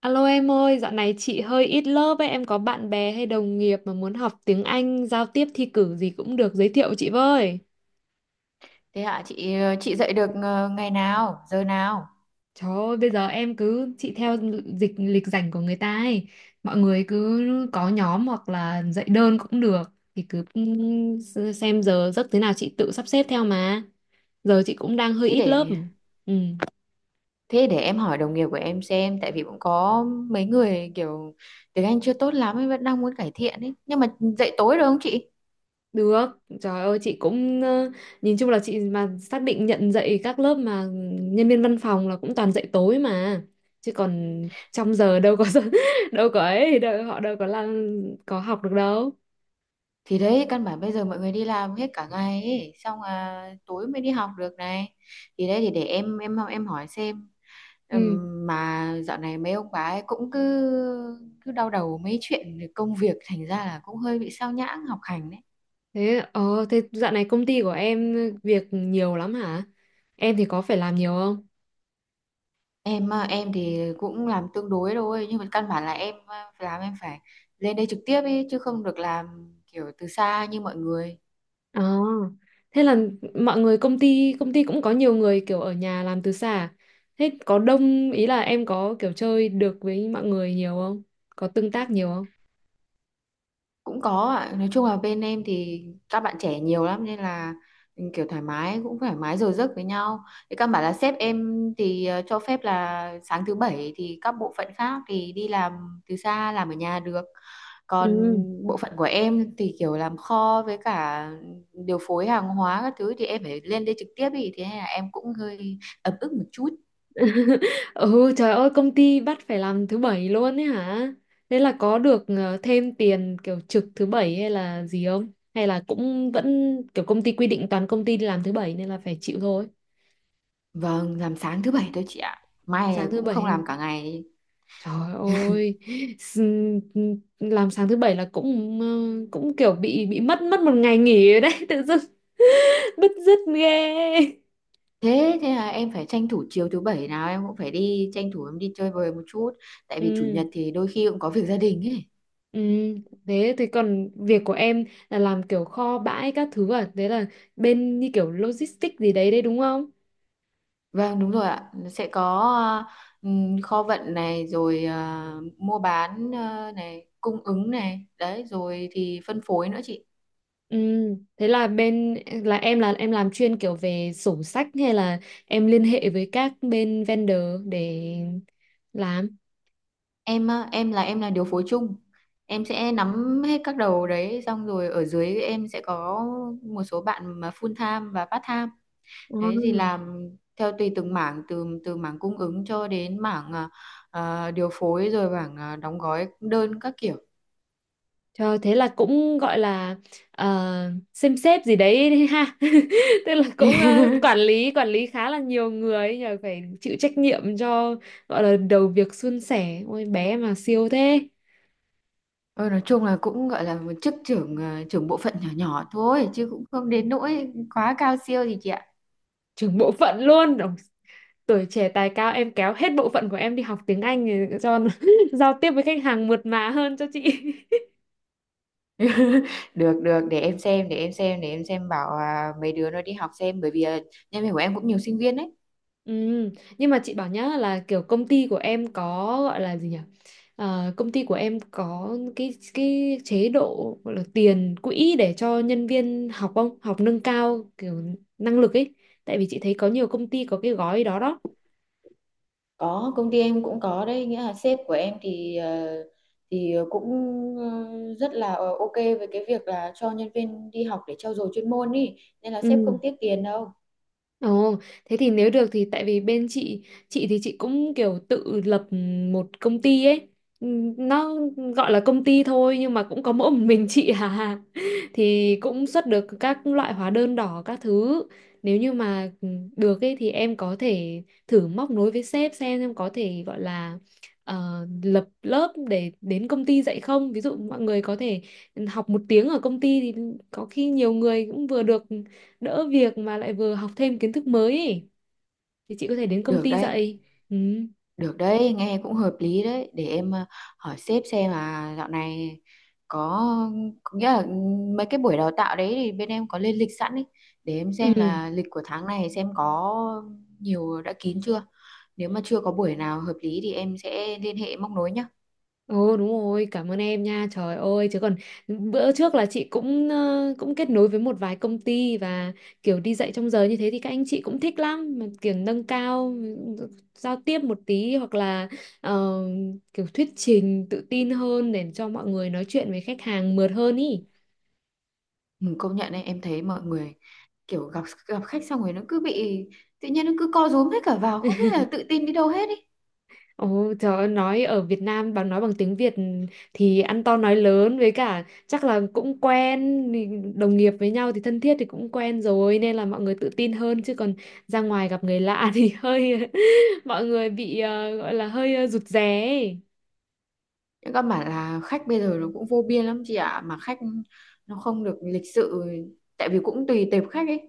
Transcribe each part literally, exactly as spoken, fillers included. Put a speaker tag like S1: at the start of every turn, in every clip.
S1: Alo em ơi, dạo này chị hơi ít lớp ấy, em có bạn bè hay đồng nghiệp mà muốn học tiếng Anh, giao tiếp thi cử gì cũng được giới thiệu chị với.
S2: Thế hả chị, ờ, chị dậy được ờ, ngày nào, giờ nào?
S1: Trời ơi, bây giờ em cứ chị theo dịch lịch rảnh của người ta ấy, mọi người cứ có nhóm hoặc là dạy đơn cũng được, thì cứ xem giờ giấc thế nào chị tự sắp xếp theo mà. Giờ chị cũng đang hơi
S2: Thế
S1: ít lớp.
S2: để
S1: Ừ.
S2: thế để em hỏi đồng nghiệp của em xem, tại vì cũng có mấy người kiểu tiếng Anh chưa tốt lắm ấy, vẫn đang muốn cải thiện ấy. Nhưng mà dậy tối được không chị?
S1: Được, trời ơi chị cũng ờ, nhìn chung là chị mà xác định nhận dạy các lớp mà nhân viên văn phòng là cũng toàn dạy tối mà. Chứ còn trong giờ đâu có đâu có ấy, đâu, họ đâu có làm có học được đâu.
S2: Thì đấy, căn bản bây giờ mọi người đi làm hết cả ngày ấy, xong là tối mới đi học được này. Thì đấy thì để em em em hỏi xem. Ừm,
S1: Ừ,
S2: mà dạo này mấy ông bà ấy cũng cứ cứ đau đầu mấy chuyện công việc, thành ra là cũng hơi bị sao nhãng học hành đấy.
S1: thế ờ thế dạo này công ty của em ờ, việc nhiều lắm hả? Em thì có phải làm nhiều không?
S2: Em à, em thì cũng làm tương đối thôi, nhưng mà căn bản là em à, làm em phải lên đây trực tiếp ý, chứ không được làm kiểu từ xa như mọi người.
S1: Ờ, thế là mọi người công ty công ty cũng có nhiều người kiểu ở nhà làm từ xa à? Thế có đông ý là em có kiểu chơi được với mọi người nhiều không? Có tương tác nhiều không?
S2: Cũng có ạ, nói chung là bên em thì các bạn trẻ nhiều lắm, nên là ừ, kiểu thoải mái, cũng thoải mái giờ giấc với nhau. Thì căn bản là sếp em thì ờ, cho phép là sáng thứ bảy thì các bộ phận khác thì đi làm từ xa, làm ở nhà được. Còn
S1: Ừ.
S2: bộ phận của em thì kiểu làm kho với cả điều phối hàng hóa các thứ, thì em phải lên đây trực tiếp ý, thế nên là em cũng hơi ấm ức một chút.
S1: Ừ, trời ơi công ty bắt phải làm thứ bảy luôn ấy hả? Thế là có được ờ, thêm tiền kiểu trực thứ bảy hay là gì không? Hay là cũng vẫn kiểu công ty quy định toàn công ty đi làm thứ bảy nên là phải chịu thôi.
S2: Vâng, làm sáng thứ bảy thôi chị ạ, mai
S1: Sáng
S2: là
S1: thứ
S2: cũng không
S1: bảy.
S2: làm cả ngày.
S1: Trời ơi, s- làm sáng thứ bảy là cũng ờ, cũng kiểu bị bị mất mất một ngày nghỉ ở đấy tự dưng bứt rứt ghê.
S2: Thế thế là em phải tranh thủ, chiều thứ bảy nào em cũng phải đi tranh thủ, em đi chơi bời một chút, tại vì chủ
S1: Ừ,
S2: nhật thì đôi khi cũng có việc gia đình ấy.
S1: ừ, thế thì còn việc của em là làm kiểu kho bãi các thứ à, thế là bên như kiểu logistics gì đấy đấy đúng không?
S2: Vâng, đúng rồi ạ. Nó sẽ có ờ, ừm, kho vận này, rồi ờ, mua bán ờ, này, cung ứng này, đấy, rồi thì phân phối nữa chị.
S1: Ừ, thế là bên là em là em làm chuyên kiểu về sổ sách hay là em liên hệ với các bên vendor để làm?
S2: Em ờ, em là em là điều phối chung. Em sẽ nắm hết các đầu đấy, xong rồi ở dưới em sẽ có một số bạn mà full time và part time.
S1: Ừ.
S2: Đấy, thì làm theo tùy từng mảng, từ từ mảng cung ứng cho đến mảng à, à, điều phối, rồi mảng à, đóng gói đơn các kiểu.
S1: Trời, thế là cũng gọi là ờ, xem xếp gì đấy đấy ha. Tức là cũng ờ, quản lý quản lý khá là nhiều người ấy nhờ phải chịu trách nhiệm cho gọi là đầu việc suôn sẻ. Ôi bé mà siêu thế.
S2: Ờ, nói chung là cũng gọi là một chức trưởng à, trưởng bộ phận nhỏ nhỏ thôi, chứ cũng không
S1: Ừ.
S2: đến nỗi quá cao siêu gì chị ạ.
S1: Trưởng bộ phận luôn. Ôi, tuổi trẻ tài cao em kéo hết bộ phận của em đi học tiếng Anh để cho nó giao tiếp với khách hàng mượt mà hơn cho chị.
S2: Được, được, để em xem để em xem để em xem bảo à, mấy đứa nó đi học xem, bởi vì à, nhân viên của em cũng nhiều sinh viên đấy.
S1: Ừ, nhưng mà chị bảo nhá là kiểu công ty của em có gọi là gì nhỉ? Ờ, công ty của em có cái cái chế độ gọi là tiền quỹ để cho nhân viên học không? Học nâng cao kiểu năng lực ấy. Tại vì chị thấy có nhiều công ty có cái gói đó đó.
S2: Có, công ty em cũng có đấy, nghĩa là sếp của em thì ờ, thì cũng ờ, rất là ok với cái việc là cho nhân viên đi học để trau dồi chuyên môn ý, nên là sếp
S1: Ừ.
S2: không tiếc tiền đâu.
S1: Ồ, thế thì nếu được thì tại vì bên chị chị thì chị cũng kiểu tự lập một công ty ấy. Ừm, nó gọi là công ty thôi nhưng mà cũng có mỗi một mình chị à thì cũng xuất được các loại hóa đơn đỏ các thứ, nếu như mà được ấy thì em có thể thử móc nối với sếp xem em có thể gọi là ờ, lập lớp để đến công ty dạy không, ví dụ mọi người có thể học một tiếng ở công ty thì có khi nhiều người cũng vừa được đỡ việc mà lại vừa học thêm kiến thức mới ấy. Thì chị có thể đến công
S2: Được
S1: ty
S2: đấy,
S1: dạy. Ừ.
S2: được đấy, nghe cũng hợp lý đấy. Để em ờ, hỏi sếp xem là dạo này có, có nghĩa là mấy cái buổi đào tạo đấy thì bên em có lên lịch sẵn ấy. Để em xem
S1: Ừ.
S2: là lịch của tháng này xem có nhiều đã kín chưa. Nếu mà chưa có buổi nào hợp lý thì em sẽ liên hệ móc nối nhá.
S1: Ồ đúng rồi, cảm ơn em nha. Trời ơi, chứ còn bữa trước là chị cũng ờ, cũng kết nối với một vài công ty và kiểu đi dạy trong giờ như thế thì các anh chị cũng thích lắm mà kiểu nâng cao giao tiếp một tí hoặc là ờ, kiểu thuyết trình tự tin hơn để cho mọi người nói chuyện với khách hàng mượt hơn ý.
S2: Ừ, công nhận đấy, em thấy mọi người kiểu gặp gặp khách xong rồi nó cứ bị, tự nhiên nó cứ co rúm hết cả vào, không biết là tự tin đi đâu hết ý.
S1: Ồ, trời ơi, nói ở Việt Nam bằng nói bằng tiếng Việt thì ăn to nói lớn với cả chắc là cũng quen thì đồng nghiệp với nhau thì thân thiết thì cũng quen rồi nên là mọi người tự tin hơn chứ còn ra ngoài gặp người lạ thì hơi mọi người bị ờ, gọi là hơi ờ, rụt rè ấy.
S2: Nhưng các bạn là khách bây giờ nó cũng vô biên lắm chị ạ, mà khách nó không được lịch sự, tại vì cũng tùy tệp khách ấy,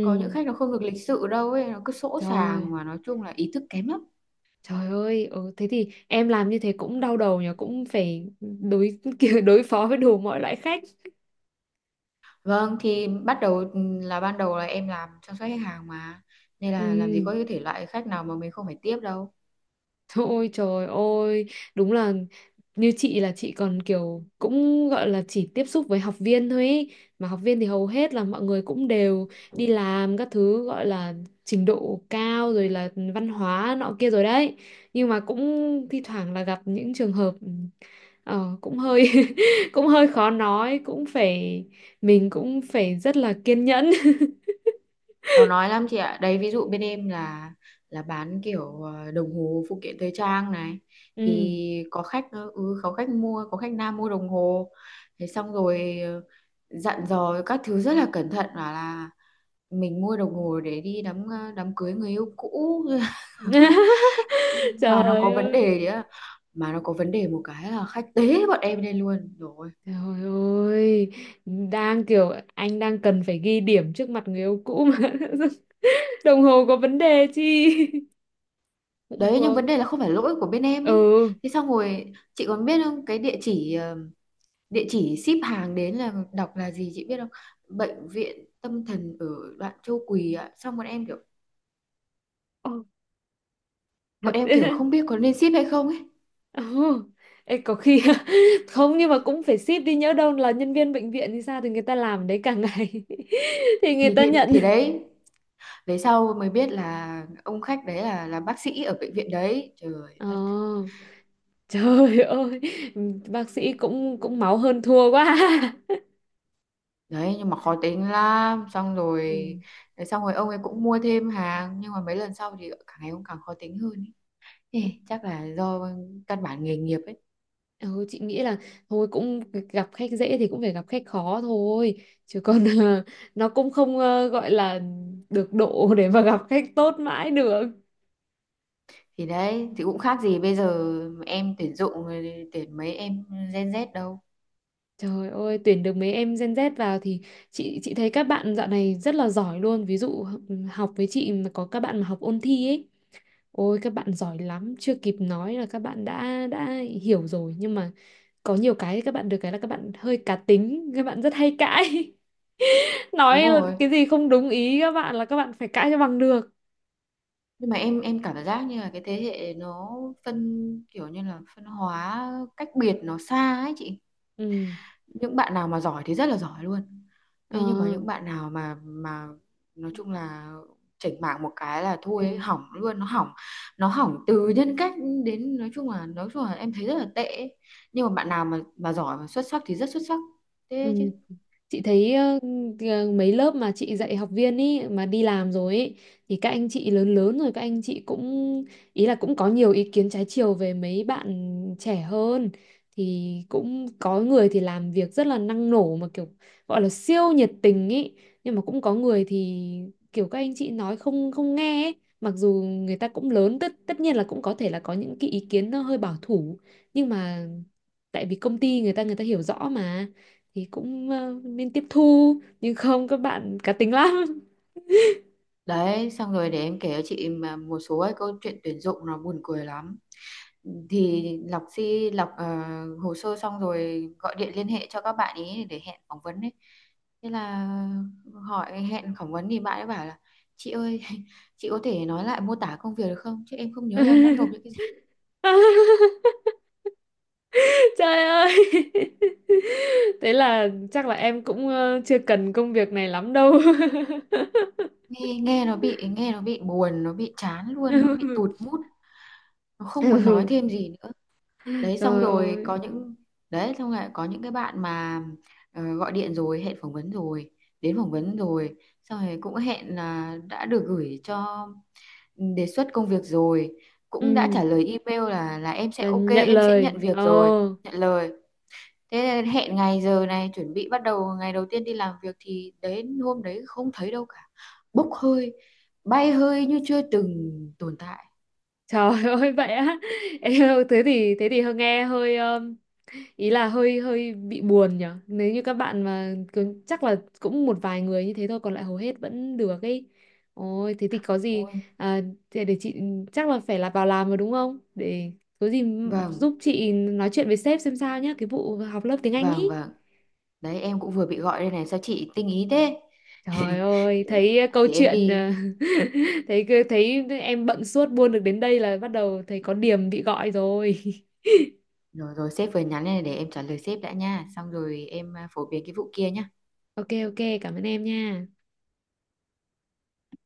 S2: có những khách nó không được lịch sự đâu ấy, nó cứ sỗ sàng,
S1: trời,
S2: mà nói chung là ý thức kém lắm.
S1: trời ơi, ừ, thế thì em làm như thế cũng đau đầu nhỉ, cũng phải đối kiểu đối phó với đủ mọi loại khách.
S2: Vâng, thì bắt đầu là ban đầu là em làm chăm sóc khách hàng mà, nên là làm gì
S1: Ừ.
S2: có cái thể loại khách nào mà mình không phải tiếp đâu.
S1: Thôi trời ơi, đúng là như chị là chị còn kiểu cũng gọi là chỉ tiếp xúc với học viên thôi ý. Mà học viên thì hầu hết là mọi người cũng đều đi làm các thứ gọi là trình độ cao rồi là văn hóa nọ kia rồi đấy. Nhưng mà cũng thi thoảng là gặp những trường hợp ờ, cũng hơi cũng hơi khó nói, cũng phải mình cũng phải rất là kiên nhẫn.
S2: Khó nói lắm chị ạ, đấy, ví dụ bên em là là bán kiểu ờ, đồng hồ, phụ kiện thời trang này,
S1: Ừ.
S2: thì có khách ờ, ừ, có khách mua, có khách nam mua đồng hồ, thế xong rồi ờ, dặn dò các thứ rất là cẩn thận, bảo là mình mua đồng hồ để đi đám ờ, đám cưới người yêu cũ, mà nó có
S1: Trời
S2: vấn đề
S1: ơi.
S2: đấy ạ. Mà nó có vấn đề một cái là khách tế bọn em lên luôn rồi.
S1: Trời ơi, đang kiểu anh đang cần phải ghi điểm trước mặt người yêu cũ mà đồng hồ có vấn đề chi cũng
S2: Đấy, nhưng
S1: quơ.
S2: vấn đề là không phải lỗi của bên em ấy.
S1: Ừ.
S2: Thế xong rồi chị còn biết không, cái địa chỉ ờ, địa chỉ ship hàng đến là đọc là gì chị biết không? Bệnh viện tâm thần ở đoạn Châu Quỳ ạ. Xong bọn em kiểu
S1: Ồ,
S2: bọn
S1: thật
S2: em kiểu
S1: đấy.
S2: không biết có nên ship hay không ấy.
S1: Ừ. Ê, có khi không nhưng mà cũng phải ship đi nhỡ đâu là nhân viên bệnh viện thì sao thì người ta làm đấy cả ngày thì người
S2: thì
S1: ta
S2: thì
S1: nhận.
S2: thì đấy, về sau mới biết là ông khách đấy là là bác sĩ ở bệnh viện đấy, trời
S1: Ờ,
S2: đất.
S1: trời ơi, bác sĩ cũng cũng máu hơn thua quá.
S2: Đấy, nhưng mà khó tính lắm, xong rồi xong rồi ông ấy cũng mua thêm hàng, nhưng mà mấy lần sau thì càng ngày ông càng khó tính hơn ấy. Ê,
S1: Ừ.
S2: chắc là do căn bản nghề nghiệp ấy.
S1: Ừ, chị nghĩ là thôi cũng gặp khách dễ thì cũng phải gặp khách khó thôi chứ còn ờ, nó cũng không ờ, gọi là được độ để mà gặp khách tốt mãi được.
S2: Thì đấy, thì cũng khác gì bây giờ em tuyển dụng, rồi tuyển mấy em Gen Z đâu.
S1: Trời ơi tuyển được mấy em Gen Z vào thì chị chị thấy các bạn dạo này rất là giỏi luôn, ví dụ học với chị mà có các bạn mà học ôn thi ấy, ôi các bạn giỏi lắm chưa kịp nói là các bạn đã đã hiểu rồi nhưng mà có nhiều cái các bạn được cái là các bạn hơi cá tính, các bạn rất hay cãi.
S2: Đúng
S1: Nói
S2: rồi,
S1: cái gì không đúng ý các bạn là các bạn phải cãi cho bằng được.
S2: nhưng mà em em cảm giác như là cái thế hệ nó phân, kiểu như là phân hóa cách biệt nó xa ấy chị.
S1: Ừ.
S2: Những bạn nào mà giỏi thì rất là giỏi luôn,
S1: Ờ
S2: thế nhưng mà những bạn nào mà mà nói chung là chỉnh mạng một cái là thôi
S1: thì,
S2: ấy, hỏng luôn, nó hỏng nó hỏng từ nhân cách đến, nói chung là nói chung là em thấy rất là tệ ấy. Nhưng mà bạn nào mà mà giỏi mà xuất sắc thì rất xuất sắc thế chứ.
S1: ừ. Chị thấy ờ, ờ, mấy lớp mà chị dạy học viên ý mà đi làm rồi ý, thì các anh chị lớn lớn rồi các anh chị cũng ý là cũng có nhiều ý kiến trái chiều về mấy bạn trẻ hơn, thì cũng có người thì làm việc rất là năng nổ mà kiểu gọi là siêu nhiệt tình ý, nhưng mà cũng có người thì kiểu các anh chị nói không không nghe ấy. Mặc dù người ta cũng lớn tất, tất nhiên là cũng có thể là có những cái ý kiến nó hơi bảo thủ nhưng mà tại vì công ty người ta người ta hiểu rõ mà thì cũng ờ, nên tiếp thu nhưng không các bạn cá tính lắm.
S2: Đấy, xong rồi để em kể cho chị mà một số cái câu chuyện tuyển dụng nó buồn cười lắm. Thì lọc si lọc ờ, hồ sơ xong rồi gọi điện liên hệ cho các bạn ý để hẹn phỏng vấn ấy. Thế là hỏi hẹn phỏng vấn thì bạn ấy bảo là: "Chị ơi, chị có thể nói lại mô tả công việc được không? Chứ em không nhớ là em đã nộp những cái gì."
S1: Trời ơi thế là chắc là em cũng ờ, chưa cần công việc này lắm đâu.
S2: Nghe nghe nó bị nghe nó bị buồn, nó bị chán luôn, nó bị tụt mút, nó không muốn nói
S1: Ừ.
S2: thêm gì nữa. Đấy, xong
S1: Trời
S2: rồi có
S1: ơi.
S2: những, đấy xong rồi có những cái bạn mà ờ, gọi điện rồi, hẹn phỏng vấn rồi, đến phỏng vấn rồi, xong rồi cũng hẹn là đã được gửi cho ừ, đề xuất công việc rồi, cũng đã trả
S1: Ừ,
S2: lời email là là em sẽ
S1: là
S2: ok,
S1: nhận
S2: em sẽ nhận
S1: lời.
S2: việc
S1: Ờ.
S2: rồi, nhận lời, thế hẹn ngày giờ này chuẩn bị bắt đầu ngày đầu tiên đi làm việc, thì đến hôm đấy không thấy đâu cả, bốc hơi, bay hơi như chưa từng tồn tại.
S1: Trời ơi vậy á. Em thế thì thế thì hơi nghe hơi um, ý là hơi hơi bị buồn nhở. Nếu như các bạn mà cứ, chắc là cũng một vài người như thế thôi còn lại hầu hết vẫn được ấy. Ôi thế thì có gì
S2: Ôi,
S1: à, để, để chị chắc là phải là vào làm rồi đúng không? Để có gì
S2: vâng,
S1: giúp chị nói chuyện với sếp xem sao nhá, cái vụ học lớp tiếng Anh ý.
S2: vâng, vâng, đấy, em cũng vừa bị gọi đây này, sao chị tinh ý thế.
S1: Trời ơi,
S2: để, em-
S1: thấy câu
S2: để em
S1: chuyện
S2: đi.
S1: ờ, thấy thấy em bận suốt buôn được đến đây là bắt đầu thấy có điểm bị gọi rồi.
S2: Rồi, rồi, sếp vừa nhắn đây này, để em trả lời sếp đã nha, xong rồi em à, phổ biến cái vụ kia nhá.
S1: Ok ok cảm ơn em nha